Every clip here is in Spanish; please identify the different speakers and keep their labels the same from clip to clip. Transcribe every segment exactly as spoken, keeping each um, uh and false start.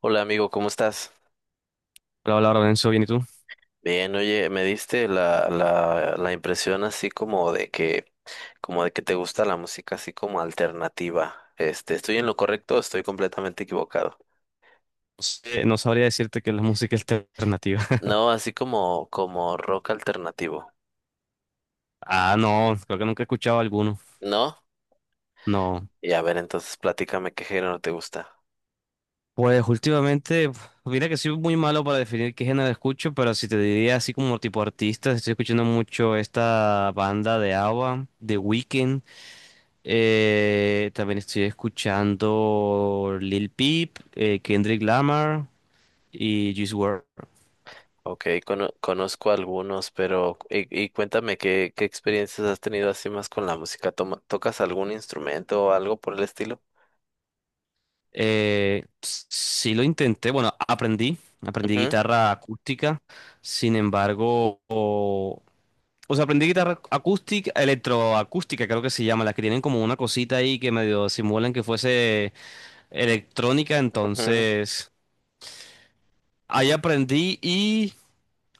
Speaker 1: Hola amigo, ¿cómo estás?
Speaker 2: Hola, hola, Lorenzo, bien, ¿y tú? No
Speaker 1: Bien, oye, me diste la, la, la impresión así como de que, como de que te gusta la música así como alternativa. Este, ¿estoy en lo correcto o estoy completamente equivocado?
Speaker 2: sé, no sabría decirte que la música alternativa.
Speaker 1: No, así como, como rock alternativo.
Speaker 2: Ah, no, creo que nunca he escuchado alguno.
Speaker 1: ¿No?
Speaker 2: No.
Speaker 1: Y a ver, entonces platícame qué género te gusta.
Speaker 2: Pues últimamente, mira que soy muy malo para definir qué género escucho, pero si te diría así como tipo artista, estoy escuchando mucho esta banda de ABBA, The Weeknd. Eh, también estoy escuchando Lil Peep, eh, Kendrick Lamar y Juice world.
Speaker 1: Ok, cono- conozco algunos, pero y, y cuéntame qué, qué experiencias has tenido así más con la música. Toma- ¿tocas algún instrumento o algo por el estilo?
Speaker 2: Eh, sí lo intenté, bueno, aprendí, aprendí
Speaker 1: Ujú,
Speaker 2: guitarra acústica, sin embargo, o, o sea, aprendí guitarra acústica, electroacústica creo que se llama, las que tienen como una cosita ahí que medio simulan que fuese electrónica,
Speaker 1: ujú.
Speaker 2: entonces ahí aprendí y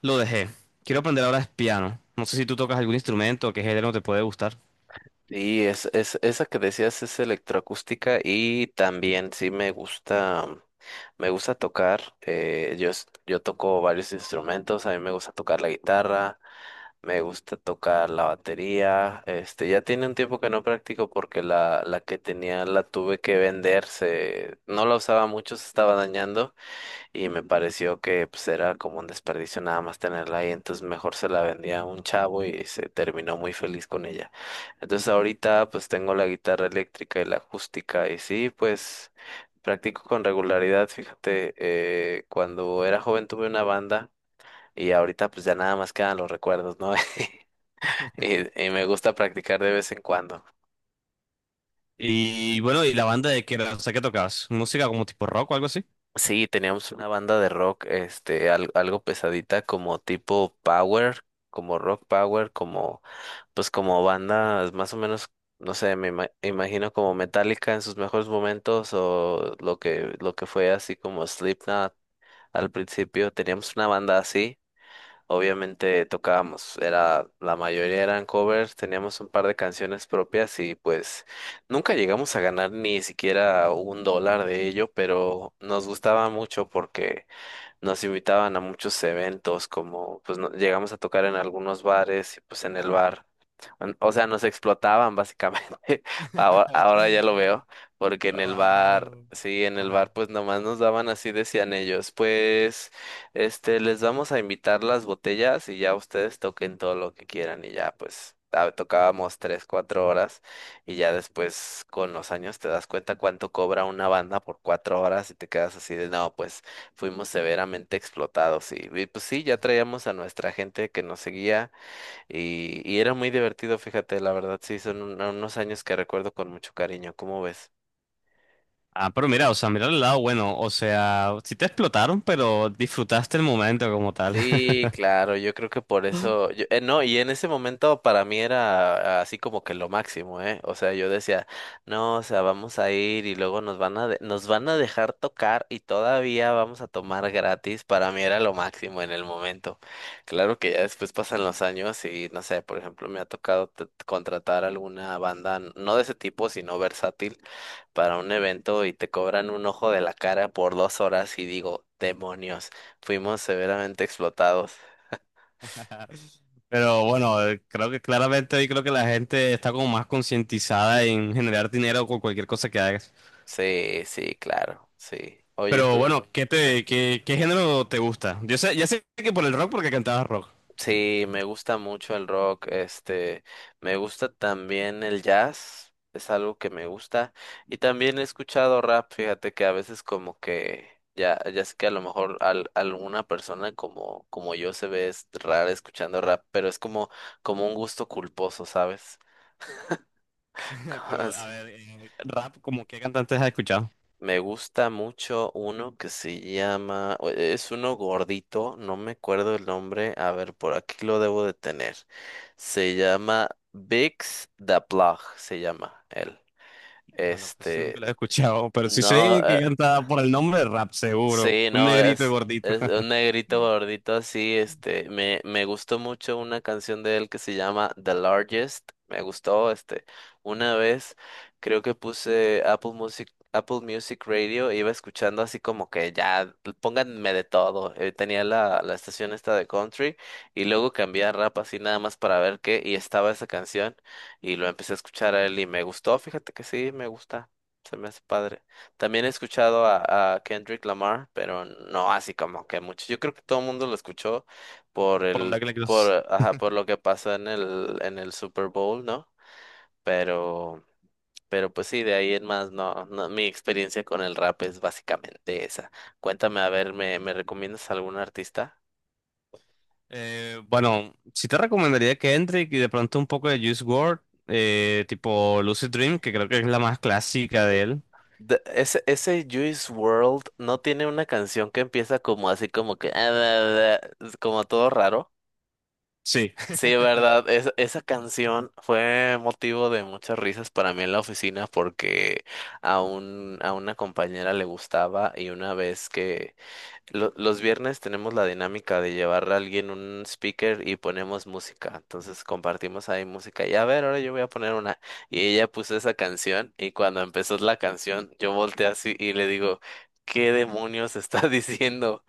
Speaker 2: lo dejé. Quiero aprender ahora es piano, no sé si tú tocas algún instrumento, qué género te puede gustar.
Speaker 1: Sí, es, es, esa que decías es electroacústica y también sí me gusta, mm, me gusta tocar. Eh, yo, es- yo toco varios instrumentos, a mí me gusta tocar la guitarra, me gusta tocar la batería. Este, ya tiene un tiempo que no practico porque la, la que tenía la tuve que vender, se, no la usaba mucho, se estaba dañando. Y me pareció que pues era como un desperdicio nada más tenerla ahí, entonces mejor se la vendía a un chavo y se terminó muy feliz con ella. Entonces ahorita pues tengo la guitarra eléctrica y la acústica y sí, pues practico con regularidad, fíjate, eh, cuando era joven tuve una banda y ahorita pues ya nada más quedan los recuerdos, ¿no? Y, y me gusta practicar de vez en cuando.
Speaker 2: Y bueno, ¿y la banda de qué era? O sea, ¿qué tocabas? ¿Música como tipo rock o algo así?
Speaker 1: Sí, teníamos una banda de rock, este, al- algo pesadita como tipo power, como rock power, como pues como bandas más o menos, no sé, me ima- imagino como Metallica en sus mejores momentos o lo que, lo que fue así como Slipknot al principio, teníamos una banda así, obviamente tocábamos, era, la mayoría eran covers, teníamos un par de canciones propias y pues nunca llegamos a ganar ni siquiera un dólar de ello, pero nos gustaba mucho porque nos invitaban a muchos eventos, como pues no- llegamos a tocar en algunos bares y pues en el bar. en- O sea, nos explotaban básicamente. Ahora, ahora ya lo veo, porque en el bar,
Speaker 2: Ahora,
Speaker 1: sí, en el
Speaker 2: ajá.
Speaker 1: bar pues nomás nos daban así, decían ellos, pues este, les vamos a invitar las botellas y ya ustedes toquen todo lo que quieran y ya pues ah, tocábamos tres, cuatro horas y ya después con los años te das cuenta cuánto cobra una banda por cuatro horas y te quedas así de no, pues fuimos severamente explotados y, y, pues sí, ya traíamos a nuestra gente que nos seguía y, y era muy divertido, fíjate, la verdad, sí, son un- unos años que recuerdo con mucho cariño, ¿cómo ves?
Speaker 2: Ah, pero mira, o sea, mira el lado bueno, o sea, sí te explotaron, pero disfrutaste el momento como tal.
Speaker 1: Sí, claro, yo creo que por eso, yo- eh, no, y en ese momento para mí era así como que lo máximo, ¿eh? O sea, yo decía, no, o sea, vamos a ir y luego nos van a, de- nos van a dejar tocar y todavía vamos a tomar gratis, para mí era lo máximo en el momento. Claro que ya después pasan los años y, no sé, por ejemplo, me ha tocado t- contratar alguna banda, n- no de ese tipo, sino versátil para un evento y te cobran un ojo de la cara por dos horas y digo, demonios, fuimos severamente explotados.
Speaker 2: Pero bueno, eh, creo que claramente hoy creo que la gente está como más concientizada en generar dinero con cualquier cosa que hagas.
Speaker 1: Sí, sí, claro, sí. Oye,
Speaker 2: Pero
Speaker 1: tú,
Speaker 2: bueno, ¿qué
Speaker 1: dime.
Speaker 2: te, qué, qué género te gusta? Yo sé, ya sé que por el rock porque cantabas rock.
Speaker 1: Sí, me gusta mucho el rock, este, me gusta también el jazz, es algo que me gusta. Y también he escuchado rap, fíjate que a veces como que ya, ya sé que a lo mejor al, alguna persona como, como yo se ve es rara escuchando rap, pero es como, como un gusto culposo, ¿sabes?
Speaker 2: Pero a ver, eh, rap, ¿como qué cantantes has escuchado?
Speaker 1: Me gusta mucho uno que se llama, o- e, es uno gordito, no me acuerdo el nombre, a ver, por aquí lo debo de tener. Se llama Bix the Plug, se llama él.
Speaker 2: Bueno, casi nunca
Speaker 1: Este,
Speaker 2: lo he escuchado, pero sí
Speaker 1: no,
Speaker 2: sé que
Speaker 1: eh,
Speaker 2: cantaba por el nombre de rap, seguro.
Speaker 1: Sí,
Speaker 2: Un
Speaker 1: no,
Speaker 2: negrito y
Speaker 1: es,
Speaker 2: gordito.
Speaker 1: es un negrito
Speaker 2: Mm.
Speaker 1: gordito así, este, me, me gustó mucho una canción de él que se llama The Largest, me gustó, este, una vez creo que puse Apple Music, Apple Music Radio, iba escuchando así como que ya, pónganme de todo, eh, tenía la, la estación esta de country y luego cambié a rap así nada más para ver qué y estaba esa canción y lo empecé a escuchar a él y me gustó, fíjate que sí, me gusta, se me hace padre. También he escuchado a, a Kendrick Lamar, pero no así como que mucho. Yo creo que todo el mundo lo escuchó por
Speaker 2: Por
Speaker 1: el,
Speaker 2: donde que le quieras.
Speaker 1: por, ajá, por lo que pasó en el, en el Super Bowl, ¿no? Pero, pero pues sí, de ahí en más, no, no, mi experiencia con el rap es básicamente esa. Cuéntame, a ver, ¿me, me recomiendas algún artista?
Speaker 2: Eh, bueno, sí te recomendaría que entre y de pronto un poco de Juice world, eh, tipo Lucid Dream, que creo que es la más clásica de él.
Speaker 1: De- ese, ese Juice World no tiene una canción que empieza como así como que, como todo raro.
Speaker 2: Sí.
Speaker 1: Sí, verdad, es- esa canción fue motivo de muchas risas para mí en la oficina porque a un, a una compañera le gustaba y una vez que lo- los viernes tenemos la dinámica de llevar a alguien un speaker y ponemos música, entonces compartimos ahí música y a ver, ahora yo voy a poner una y ella puso esa canción y cuando empezó la canción yo volteé así y le digo, ¿qué demonios está diciendo?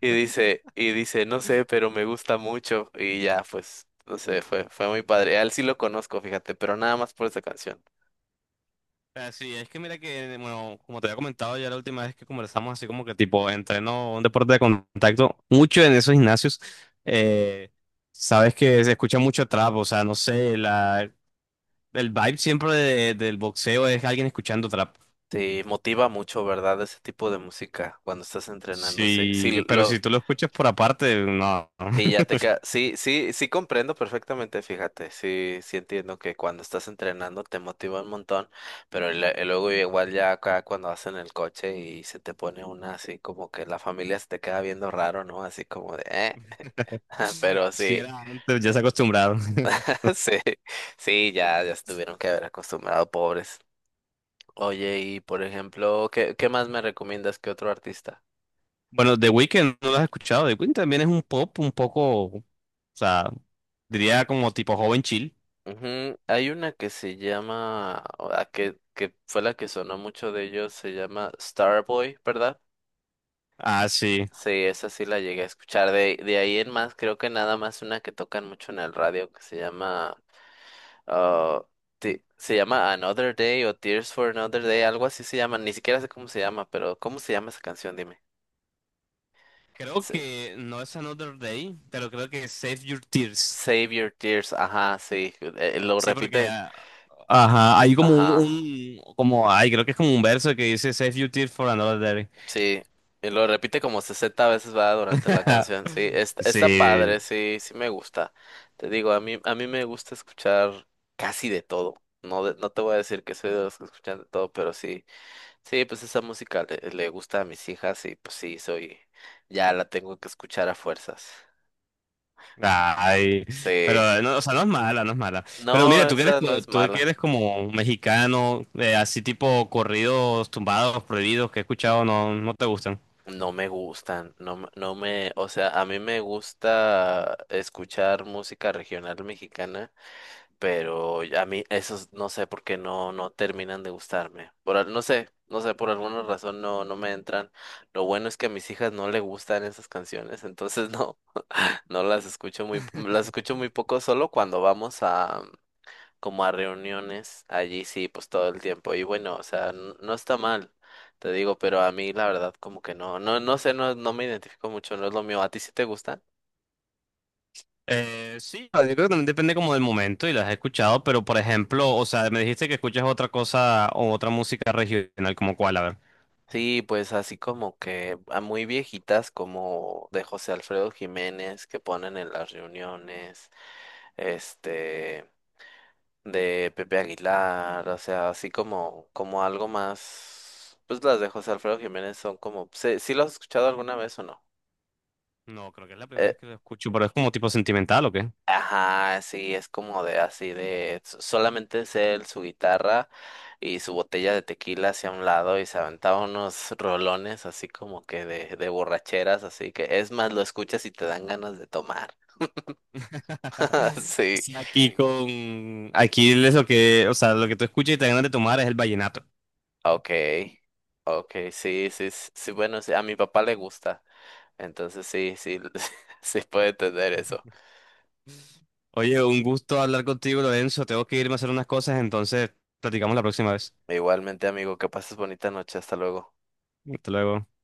Speaker 1: Y dice, y dice, no sé, pero me gusta mucho. Y ya, pues, no sé, fue, fue muy padre. A él sí lo conozco, fíjate, pero nada más por esa canción.
Speaker 2: Así es que mira que, bueno, como te había comentado ya la última vez que conversamos, así como que tipo entreno un deporte de contacto, mucho en esos gimnasios, eh, sabes que se escucha mucho trap, o sea, no sé, la, el vibe siempre de- del boxeo es alguien escuchando trap.
Speaker 1: Sí, motiva mucho, ¿verdad? Ese tipo de música cuando estás entrenando. Sí,
Speaker 2: Sí,
Speaker 1: sí,
Speaker 2: pero
Speaker 1: lo,
Speaker 2: si tú lo escuchas por aparte, no.
Speaker 1: sí, ya te ca- sí, sí, sí comprendo perfectamente, fíjate. Sí, sí entiendo que cuando estás entrenando te motiva un montón, pero le- luego igual ya acá cuando vas en el coche y se te pone una así como que la familia se te queda viendo raro, ¿no? Así como de, eh, pero
Speaker 2: Si
Speaker 1: sí.
Speaker 2: era antes, ya se acostumbraron.
Speaker 1: Sí, sí, ya, ya se tuvieron que haber acostumbrado, pobres. Oye, y por ejemplo, ¿qué, qué más me recomiendas que otro artista?
Speaker 2: Bueno, The Weeknd no lo has escuchado. The Weeknd también es un pop un poco, o sea, diría como tipo joven chill.
Speaker 1: Ujú, hay una que se llama, o la que, que fue la que sonó mucho de ellos, se llama Starboy, ¿verdad?
Speaker 2: Ah, sí.
Speaker 1: Sí, esa sí la llegué a escuchar. De, de ahí en más, creo que nada más una que tocan mucho en el radio que se llama, ah, ti- se llama Another Day o Tears for Another Day, algo así se llama. Ni siquiera sé cómo se llama, pero ¿cómo se llama esa canción? Dime.
Speaker 2: Creo que no es Another Day, pero creo que es Save Your Tears.
Speaker 1: Save Your Tears, ajá, sí, eh, lo
Speaker 2: Sí, porque
Speaker 1: repite,
Speaker 2: ah, ajá, hay como un,
Speaker 1: ajá,
Speaker 2: un- como ay, creo que es como un verso que dice Save Your Tears for Another Day.
Speaker 1: sí, y lo repite como sesenta veces va durante la canción, sí, está, está
Speaker 2: Sí.
Speaker 1: padre, sí, sí me gusta. Te digo, a mí, a mí me gusta escuchar casi de todo. No, de- no te voy a decir que soy de los que escuchan de todo, pero sí, sí, pues esa música le, le gusta a mis hijas y pues sí, soy, ya la tengo que escuchar a fuerzas.
Speaker 2: Ay,
Speaker 1: Sí,
Speaker 2: pero no, o sea, no es mala, no es mala. Pero mira,
Speaker 1: no,
Speaker 2: tú que eres,
Speaker 1: esa no
Speaker 2: co-
Speaker 1: es
Speaker 2: tú que
Speaker 1: mala.
Speaker 2: eres como mexicano, eh, así tipo corridos tumbados, prohibidos que he escuchado, no, no te gustan.
Speaker 1: No me gustan, no, me- no me, o sea, a mí me gusta escuchar música regional mexicana, pero a mí esos no sé por qué no, no terminan de gustarme. Por, al- no sé, no sé, por alguna razón no, no me entran. Lo bueno es que a mis hijas no le gustan esas canciones, entonces no, no las escucho muy, las escucho muy poco, solo cuando vamos como a reuniones allí sí, pues todo el tiempo. Y bueno, o sea, n- no está mal, te digo, pero a mí la verdad como que no, no, no sé, no, no me identifico mucho, no es lo mío. ¿A ti sí te gustan?
Speaker 2: Eh, sí, yo creo que también depende como del momento y las he escuchado, pero por ejemplo, o sea, me dijiste que escuchas otra cosa o otra música regional, como cuál, a ver.
Speaker 1: Sí, pues así como que a muy viejitas como de José Alfredo Jiménez que ponen en las reuniones, este, de Pepe Aguilar, o sea, así como, como algo más, pues las de José Alfredo Jiménez son como, ¿sí, sí lo has escuchado alguna vez o no?
Speaker 2: No, creo que es la primera vez que lo escucho, pero es como tipo sentimental, ¿o qué?
Speaker 1: Ajá, sí, es como de así de so- solamente es él, su guitarra y su botella de tequila hacia un lado y se aventaba unos rolones así como que de, de borracheras, así que es más, lo escuchas y te dan ganas de tomar. Sí,
Speaker 2: Sí, aquí con, aquí es lo que, o sea, lo que tú escuchas y te dan ganas de tomar es el vallenato.
Speaker 1: okay, okay, sí, sí, s- sí, bueno, sí, a mi papá le gusta, entonces sí, sí, sí puede tener eso.
Speaker 2: Oye, un gusto hablar contigo, Lorenzo, tengo que irme a hacer unas cosas, entonces platicamos la próxima vez.
Speaker 1: Igualmente, amigo, que pases bonita noche, hasta luego.
Speaker 2: Hasta luego.